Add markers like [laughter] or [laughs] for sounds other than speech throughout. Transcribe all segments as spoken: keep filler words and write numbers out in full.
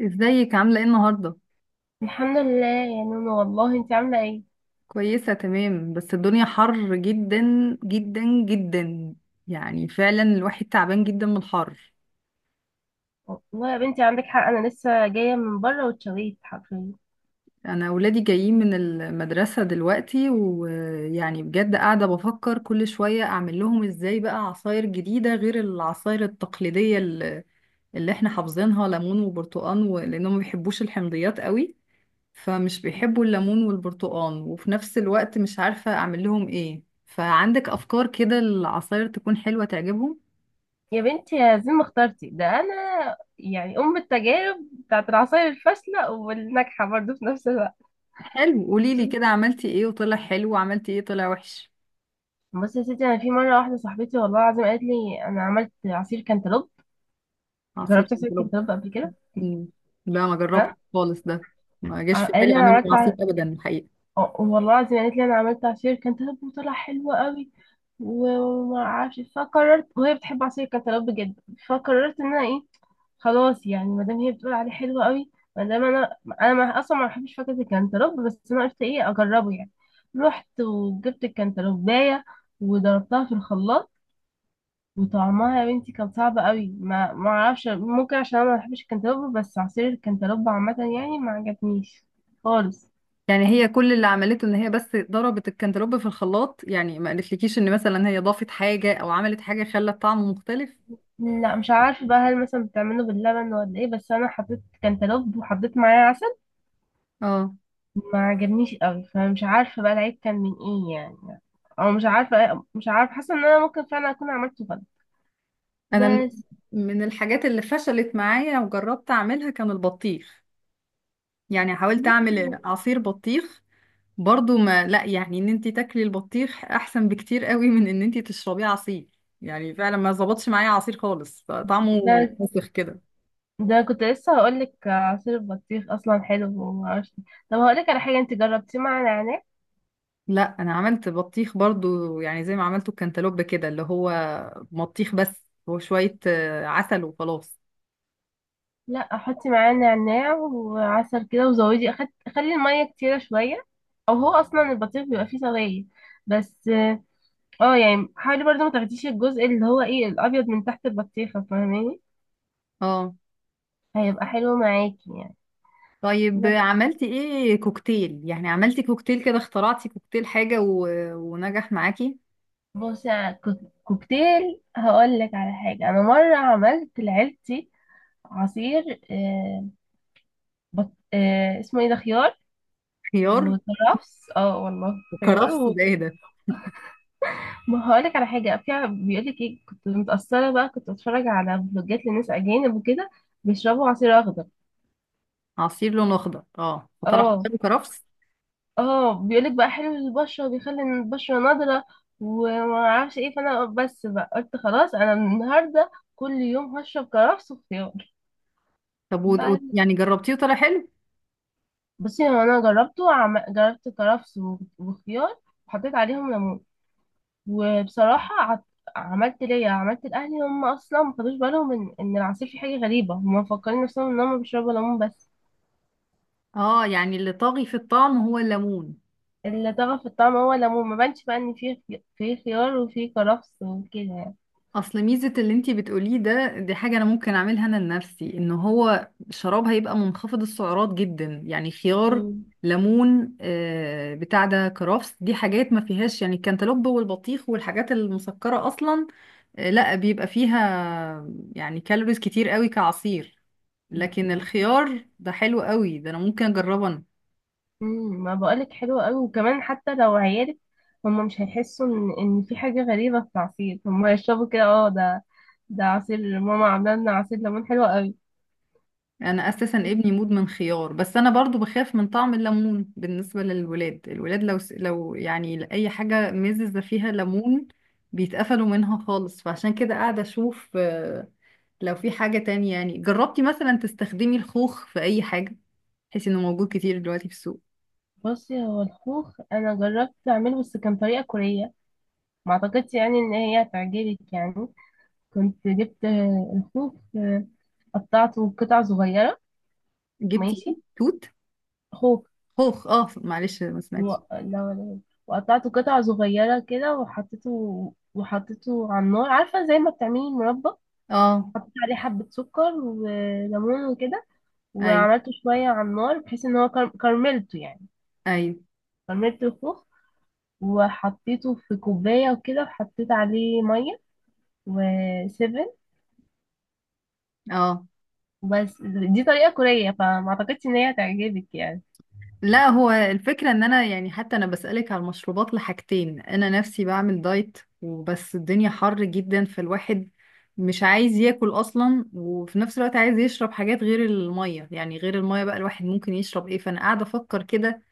ازيك عاملة ايه النهاردة؟ الحمد لله يا نونو، والله انت عامله ايه؟ كويسة تمام، بس الدنيا حر جدا جدا جدا. يعني فعلا الواحد تعبان جدا من الحر. والله يا بنتي عندك حق، انا لسه جايه من بره واتشويت حرفيا. انا اولادي جايين من المدرسة دلوقتي، ويعني بجد قاعدة بفكر كل شوية اعمل لهم ازاي بقى عصاير جديدة غير العصاير التقليدية اللي اللي احنا حافظينها، ليمون وبرتقال و- لانهم ما بيحبوش الحمضيات قوي. فمش بيحبوا الليمون والبرتقال، وفي نفس الوقت مش عارفة أعمل لهم إيه، فعندك أفكار كده العصاير تكون حلوة تعجبهم؟ يا بنتي يا زين ما اخترتي ده، انا يعني ام التجارب بتاعت العصاير الفاشله والناجحه برضه في نفس الوقت. حلو، قوليلي كده عملتي إيه وطلع حلو، وعملتي إيه طلع وحش. بصي يا ستي، انا في مره واحده صاحبتي والله العظيم قالت لي انا عملت عصير كانتالوب. عصير جربت عصير الجلوب. كانتالوب قبل كده؟ مم. لا، ما جربت ها. خالص ده. ما جاش في قالت بالي لي انا أعمله عصير عملت أبدا الحقيقة. اه والله العظيم قالت لي انا عملت عصير كانتالوب وطلع حلو قوي. و- وما اعرفش، فقررت، وهي بتحب عصير كانتالوب بجد، فقررت ان انا ايه، خلاص يعني ما دام هي بتقول عليه حلو قوي، ما دام انا انا ما اصلا ما بحبش فاكهه الكانتالوب، بس انا قلت ايه اجربه يعني. رحت وجبت الكانتالوبايه وضربتها في الخلاط، وطعمها يا بنتي كان صعب قوي. ما ما اعرفش، ممكن عشان انا ما بحبش الكانتالوب، بس عصير الكانتالوب عامه يعني ما عجبنيش خالص. يعني هي كل اللي عملته إن هي بس ضربت الكنتالوب في الخلاط، يعني ما قالتلكيش إن مثلا هي ضافت حاجة أو عملت حاجة خلت طعمه مختلف؟ لا مش عارفة بقى، هل مثلا بتعمله باللبن ولا ايه، بس انا حطيت كان تلوب وحطيت معاه عسل، اه، ما عجبنيش قوي، فمش عارفة بقى العيب كان من ايه يعني. او مش عارفة مش عارفة حاسة ان انا ممكن فعلا اكون عملته غلط، أنا من بس. من الحاجات اللي فشلت معايا وجربت اعملها كان البطيخ. يعني حاولت اعمل عصير بطيخ، برضو ما لا يعني ان انتي تاكلي البطيخ احسن بكتير قوي من ان انتي تشربيه عصير. يعني فعلا ما ظبطش معايا عصير خالص، طعمه ده مسخ كده. ده كنت لسه هقولك، عصير البطيخ اصلا حلو ومعرفش إيه. طب هقولك على حاجة، انت جربتيه مع نعناع؟ لا، انا عملت بطيخ برضو، يعني زي ما عملته الكنتالوب كده، اللي هو بطيخ بس وشوية آه، عسل وخلاص. لا، حطي معاه نعناع وعسل كده، وزودي أخد... خلي المية كتيرة شوية، او هو اصلا البطيخ بيبقى فيه سوائل. بس اه يعني حاولي برضه ما تاخديش الجزء اللي هو ايه الابيض من تحت البطيخه، فاهماني؟ اه. هيبقى حلو معاكي يعني. طيب، بس عملتي ايه كوكتيل؟ يعني عملتي كوكتيل كده، اخترعتي كوكتيل حاجة و... ونجح معاكي؟ بصي، على الكوك- كوكتيل هقول لك على حاجه. انا مره عملت لعيلتي عصير، آه بط... آه اسمه ايه ده، خيار خيار وكرفس، اه والله. خيار وكرفس، و... ده ايه ده؟ ما هقول لك على حاجه فيها، بيقول لك ايه، كنت متاثره بقى، كنت بتفرج على فلوجات لناس اجانب وكده، بيشربوا عصير اخضر. عصير لونه اخضر، اه، فطلع اه، خيار وكرفس. اه بيقولك بقى حلو للبشرة وبيخلي إن البشرة نضرة ومعرفش ايه، فانا بس بقى قلت خلاص، انا من النهاردة كل يوم هشرب كرفس وخيار. طب و... و... بقى- يعني جربتيه وطلع حلو؟ بصي، هو انا جربته عم... جربت كرفس و- وخيار، وحطيت عليهم ليمون. وبصراحة عط... عملت ليا عملت لأهلي، هم أصلا ما خدوش بالهم إن إن العصير فيه حاجة غريبة، هم مفكرين نفسهم إن هم بيشربوا ليمون بس. اه، يعني اللي طاغي في الطعم هو الليمون. اللي طغى في الطعم هو الليمون، ما بانش بقى إن فيه خي- فيه خيار وفيه كرفس وكده يعني. اصل ميزة اللي انتي بتقوليه ده، دي حاجة انا ممكن اعملها انا لنفسي، ان هو شراب هيبقى منخفض السعرات جدا، يعني خيار، ليمون، آه، بتاع ده، كرفس، دي حاجات ما فيهاش يعني الكنتالوب والبطيخ والحاجات المسكرة اصلا، آه، لا بيبقى فيها يعني كالوريز كتير قوي كعصير. مم. لكن الخيار ده حلو قوي، ده انا ممكن اجربه. امم ما بقولك حلو قوي، وكمان حتى لو عيالك هم مش هيحسوا ان ان في حاجه غريبه في العصير، هم هيشربوا كده، اه، ده ده عصير ماما عامله لنا عصير ليمون حلو قوي. انا اساسا ابني مدمن خيار، بس انا برضو بخاف من طعم الليمون بالنسبه للولاد، الولاد لو س- لو يعني اي حاجه مززه فيها ليمون بيتقفلوا منها خالص، فعشان كده قاعده اشوف آه، لو في حاجه تانية، يعني جربتي مثلا تستخدمي الخوخ في اي حاجه، بحيث انه موجود كتير دلوقتي في السوق؟ بصي، هو الخوخ انا جربت اعمله، بس كان طريقه كوريه، ما اعتقدش يعني ان هي هتعجبك يعني. كنت جبت آه، الخوخ، آه، قطعته قطع صغيره. جبتي ايه؟ ماشي. توت؟ خوخ. خوخ. اه معلش، ما و... سمعتش. لا، ولا. وقطعته قطع صغيره كده وحطيته، وحطيته على النار، عارفه زي ما بتعملي المربى. اه. حطيت عليه حبة سكر وليمون وكده، ايوه، وعملته شوية على النار بحيث ان هو كر- كرملته يعني. ايوه، كرملت الخوخ وحطيته في كوباية وكده، وحطيت عليه مية وسيفن، اه. بس. دي طريقة كورية، فما اعتقدش ان هي هتعجبك يعني. لا، هو الفكرة ان انا، يعني حتى انا بسألك على المشروبات لحاجتين، انا نفسي بعمل دايت، وبس الدنيا حر جدا فالواحد مش عايز ياكل اصلا، وفي نفس الوقت عايز يشرب حاجات غير المية، يعني غير المية بقى الواحد ممكن يشرب ايه، فانا قاعدة افكر كده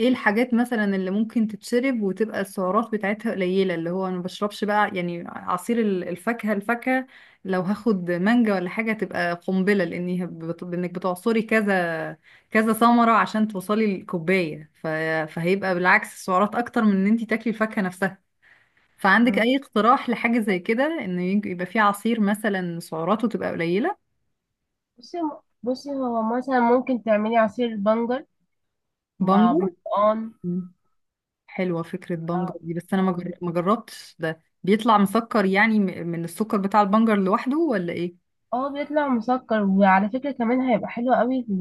ايه الحاجات مثلا اللي ممكن تتشرب وتبقى السعرات بتاعتها قليلة، اللي هو انا ما بشربش بقى يعني عصير ال- الفاكهة الفاكهة لو هاخد مانجا ولا حاجة تبقى قنبلة، لاني هب- بت- انك بتعصري كذا كذا ثمرة عشان توصلي للكوباية، ف... فهيبقى بالعكس السعرات اكتر من ان انت تاكلي الفاكهة نفسها، فعندك مم. اي اقتراح لحاجة زي كده، ان يج- يبقى في عصير مثلا سعراته تبقى قليلة؟ بصي بصي هو مثلا ممكن تعملي عصير بنجر مع بامبو. برتقان. حلوة فكرة بنجر اه. دي، بس أنا ما آه. جر- ما جربتش، ده بيطلع مسكر يعني، م- من السكر بتاع البنجر لوحده، ولا إيه؟ اه بيطلع مسكر، وعلى فكرة كمان هيبقى حلو قوي ل-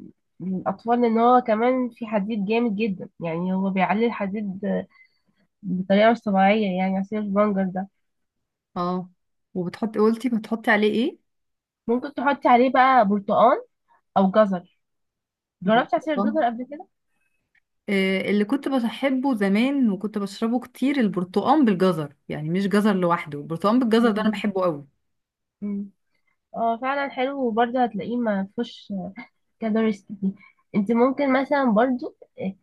ل- للأطفال، لأن هو كمان في حديد جامد جدا، يعني هو بيعلي الحديد بطريقة مش طبيعية يعني، عصير البنجر ده. اه. وبتحطي قلتي بتحطي عليه إيه؟ ممكن تحطي عليه بقى برتقال أو جزر. جربتي عصير برتقال، الجزر قبل كده؟ آه، اللي كنت بحبه زمان وكنت بشربه كتير، البرتقال بالجزر، يعني مش جزر لوحده، البرتقال بالجزر ده أنا مم. بحبه قوي. مم. اه، فعلا حلو، وبرضه هتلاقيه ما فيهوش كالوريز كتير. انت ممكن مثلا برضه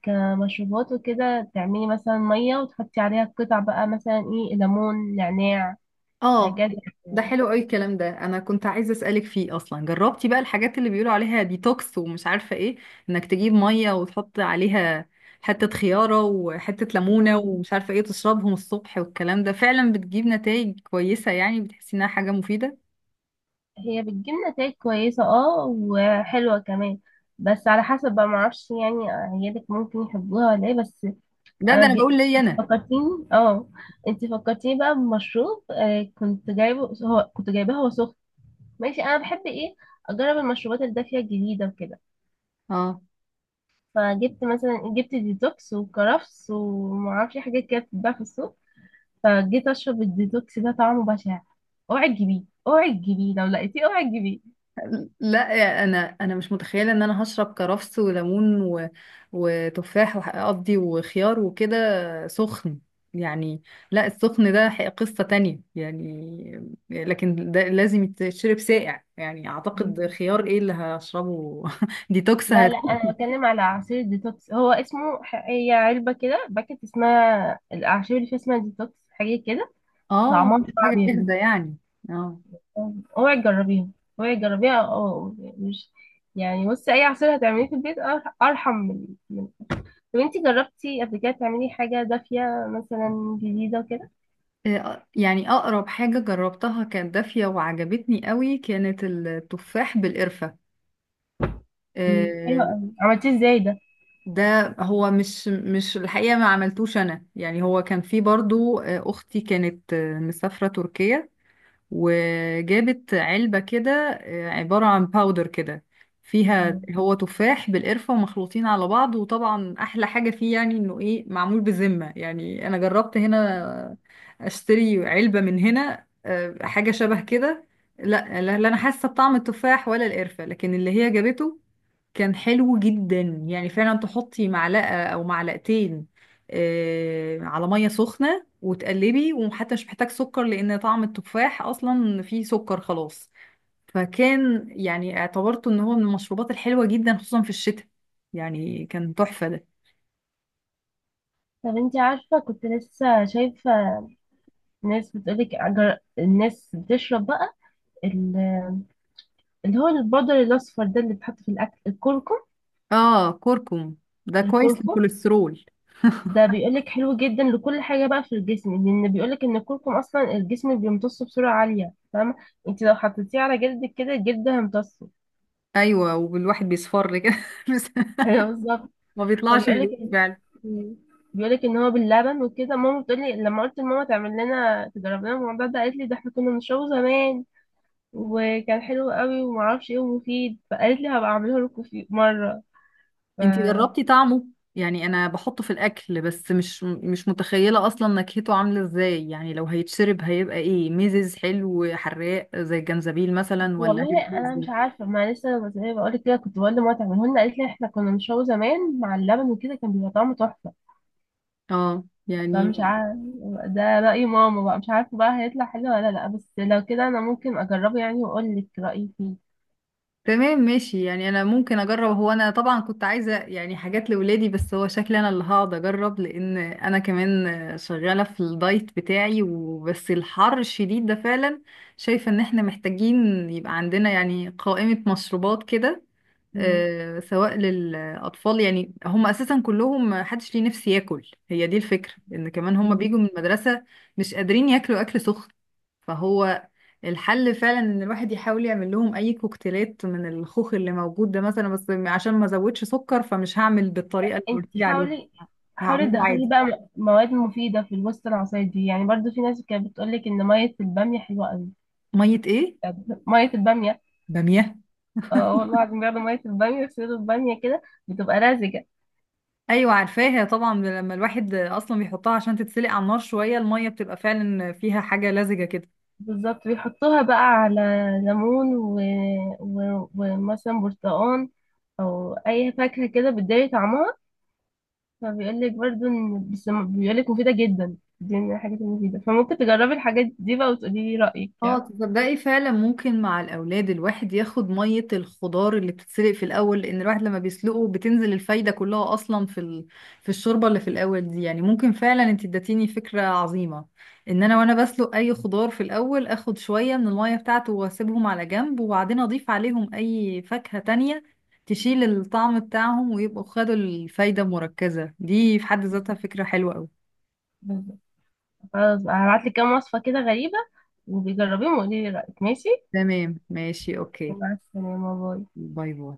كمشروبات وكده، تعملي مثلا مية وتحطي عليها قطع بقى، مثلا ايه، ليمون، نعناع، اه. هكذا ده يعني. حلو قوي الكلام ده، انا كنت عايزه اسالك فيه اصلا، جربتي بقى الحاجات اللي بيقولوا عليها ديتوكس ومش عارفه ايه، انك تجيب ميه وتحط عليها حته خياره وحته ليمونه مم. ومش عارفه ايه، تشربهم الصبح، والكلام ده فعلا بتجيب نتائج كويسه، يعني بتحسي انها حاجه مفيده؟ هي بتجيب نتائج كويسة اه، وحلوة كمان، بس على حسب بقى، معرفش يعني عيالك ممكن يحبوها ولا ايه، بس ده ده انا انا ج... بقول ليا انت انا. فكرتيني، اه، انت فكرتيني بقى بمشروب، آه كنت جايبه، هو كنت جايباه هو سخن. ماشي، انا بحب ايه اجرب المشروبات الدافية الجديدة وكده، اه. فجبت مثلا جبت ديتوكس وكرفس ومعرفش إيه، حاجات كده بتتباع في السوق. فجيت اشرب الديتوكس ده، طعمه بشع. اوعي تجيبيه، اوعي تجيبيه لو لقيتيه، اوعي تجيبيه. لا يا- انا انا مش متخيله ان انا هشرب كرفس وليمون و... وتفاح وقضي وخيار وكده سخن يعني. لا، السخن ده حق- قصه تانية يعني، لكن ده لازم يتشرب ساقع يعني، اعتقد خيار ايه اللي هشربه [laughs] ديتوكس لا هت... لا، انا بتكلم على عصير ديتوكس، هو اسمه ح- هي علبه كده، باكت اسمها الاعشاب، اللي فيها اسمها ديتوكس حاجه كده. اه، طعمها صعب حاجه يا جاهزه بنتي. يعني؟ اه. اوعي تجربيها، اوعي تجربيها. اه، مش يعني، بصي اي عصير هتعمليه في البيت أر- ارحم من من. طب انتي جربتي قبل كده تعملي حاجه دافيه مثلا جديده كده؟ إيه، يعني اقرب حاجه جربتها كانت دافيه وعجبتني قوي، كانت التفاح بالقرفه. مم، حلوه إيه، قوي، عملتيه ازاي ده؟ ده هو مش مش الحقيقة، ما عملتوش أنا يعني، هو كان في برضو آه، أختي كانت آه، مسافرة تركيا، وجابت علبة كده آه، عبارة عن باودر كده، فيها مم. هو تفاح بالقرفة ومخلوطين على بعض، وطبعا أحلى حاجة فيه يعني إنه إيه معمول بذمة، يعني أنا جربت هنا أشتري علبة من هنا آه، حاجة شبه كده، لا لا لا، أنا حاسة بطعم التفاح ولا القرفة، لكن اللي هي جابته كان حلو جدا، يعني فعلا تحطي معلقة أو معلقتين آه، على مية سخنة وتقلبي، وحتى مش محتاج سكر لأن طعم التفاح أصلا فيه سكر خلاص، فكان يعني اعتبرته إن هو من المشروبات الحلوة جدا خصوصا في الشتاء، يعني كان تحفة ده. طب انتي عارفه، كنت لسه شايفه ناس بتقولك أجر... الناس بتشرب بقى اللي هو البودر الاصفر ده، اللي بيتحط في الاكل، الكركم. آه، كركم، ده كويس الكركم للكوليسترول. ده بيقولك حلو جدا لكل حاجه بقى في الجسم، لان بيقولك ان الكركم اصلا الجسم بيمتصه بسرعه عاليه، فاهمه؟ انت لو حطيتيه على جلدك كده، الجلد هيمتصه. أيوة، والواحد بيصفر كده [laughs] بس [laughs] ايوه بالظبط. ما بيطلعش من فبيقولك الإيد فعلا. إن- بيقولك ان هو باللبن وكده، ماما بتقولي، لما قلت لماما تعمل لنا تجرب لنا الموضوع ده، قالت لي ده احنا كنا بنشربه زمان وكان حلو قوي ومعرفش ايه، ومفيد، فقالت لي هبقى اعمله لكم في مره. ف انتي جربتي طعمه؟ يعني انا بحطه في الاكل بس مش مش متخيله اصلا نكهته عامله ازاي، يعني لو هيتشرب هيبقى ايه، ميزز حلو حراق زي الجنزبيل مثلا، ولا هيبقى والله عامل انا مش ازاي؟ عارفه، ما لسه زي ما بقول لك كده كنت بقول لماما تعمله لنا، قالت لي احنا كنا بنشوي زمان مع اللبن وكده كان بيبقى طعمه تحفه، اه يعني. فمش عارفه. ده راي ماما بقى، مش عارفه بقى هيطلع حلو ولا لا، بس لو كده انا ممكن اجربه يعني واقول لك رايي فيه. تمام ماشي، يعني انا ممكن اجرب، هو انا طبعا كنت عايزه يعني حاجات لولادي، بس هو شكلي انا اللي هقعد اجرب، لان انا كمان شغاله في الدايت بتاعي، وبس الحر الشديد ده فعلا شايفه ان احنا محتاجين يبقى عندنا يعني قائمه مشروبات كده، مم. آه، سواء للأطفال، يعني هم أساسا كلهم محدش ليه نفس ياكل، هي دي الفكرة، إن كمان هم مم. بيجوا من المدرسة مش قادرين ياكلوا أكل سخن، فهو الحل فعلا إن الواحد يحاول يعمل لهم أي كوكتيلات من الخوخ اللي موجود ده مثلا، بس عشان ما أزودش سكر فمش هعمل بالطريقة اللي انت قلت لي عليها، حاولي، حاولي هعمله تدخلي عادي. بقى م- مواد مفيده في الوسط العصايه دي يعني. برضو في ناس كانت بتقول لك ان ميه الباميه حلوه قوي. مية إيه؟ ميه الباميه. بامية. اه والله العظيم، بياخدوا ميه الباميه ويصيروا الباميه كده، بتبقى رازجه. ايوه، عارفاها طبعا، لما الواحد اصلا بيحطها عشان تتسلق على النار شويه الميه بتبقى فعلا فيها حاجه لزجه كده. بالظبط، بيحطوها بقى على ليمون و... و... ومثلا برتقان او اي فاكهه كده بتداري طعمها، فبيقول لك برضو ان، بس بيقول لك مفيده جدا، دي من الحاجات المفيده، فممكن تجربي الحاجات دي بقى وتقولي لي رايك اه، يعني. تصدقي فعلا ممكن مع الاولاد الواحد ياخد ميه الخضار اللي بتتسلق في الاول، لان الواحد لما بيسلقه بتنزل الفايده كلها اصلا في ال... في الشوربه اللي في الاول دي، يعني ممكن فعلا، انت اديتيني فكره عظيمه، ان انا وانا بسلق اي خضار في الاول اخد شويه من الميه بتاعته واسيبهم على جنب، وبعدين اضيف عليهم اي فاكهه تانية تشيل الطعم بتاعهم ويبقوا خدوا الفايده المركزه دي، في حد ذاتها فكره حلوه قوي. بالظبط، خلاص بقى هبعت لك كام وصفه كده غريبه، وبيجربيهم وقولي لي رايك، ماشي. تمام ماشي، اوكي. مع السلامه، باي. باي باي.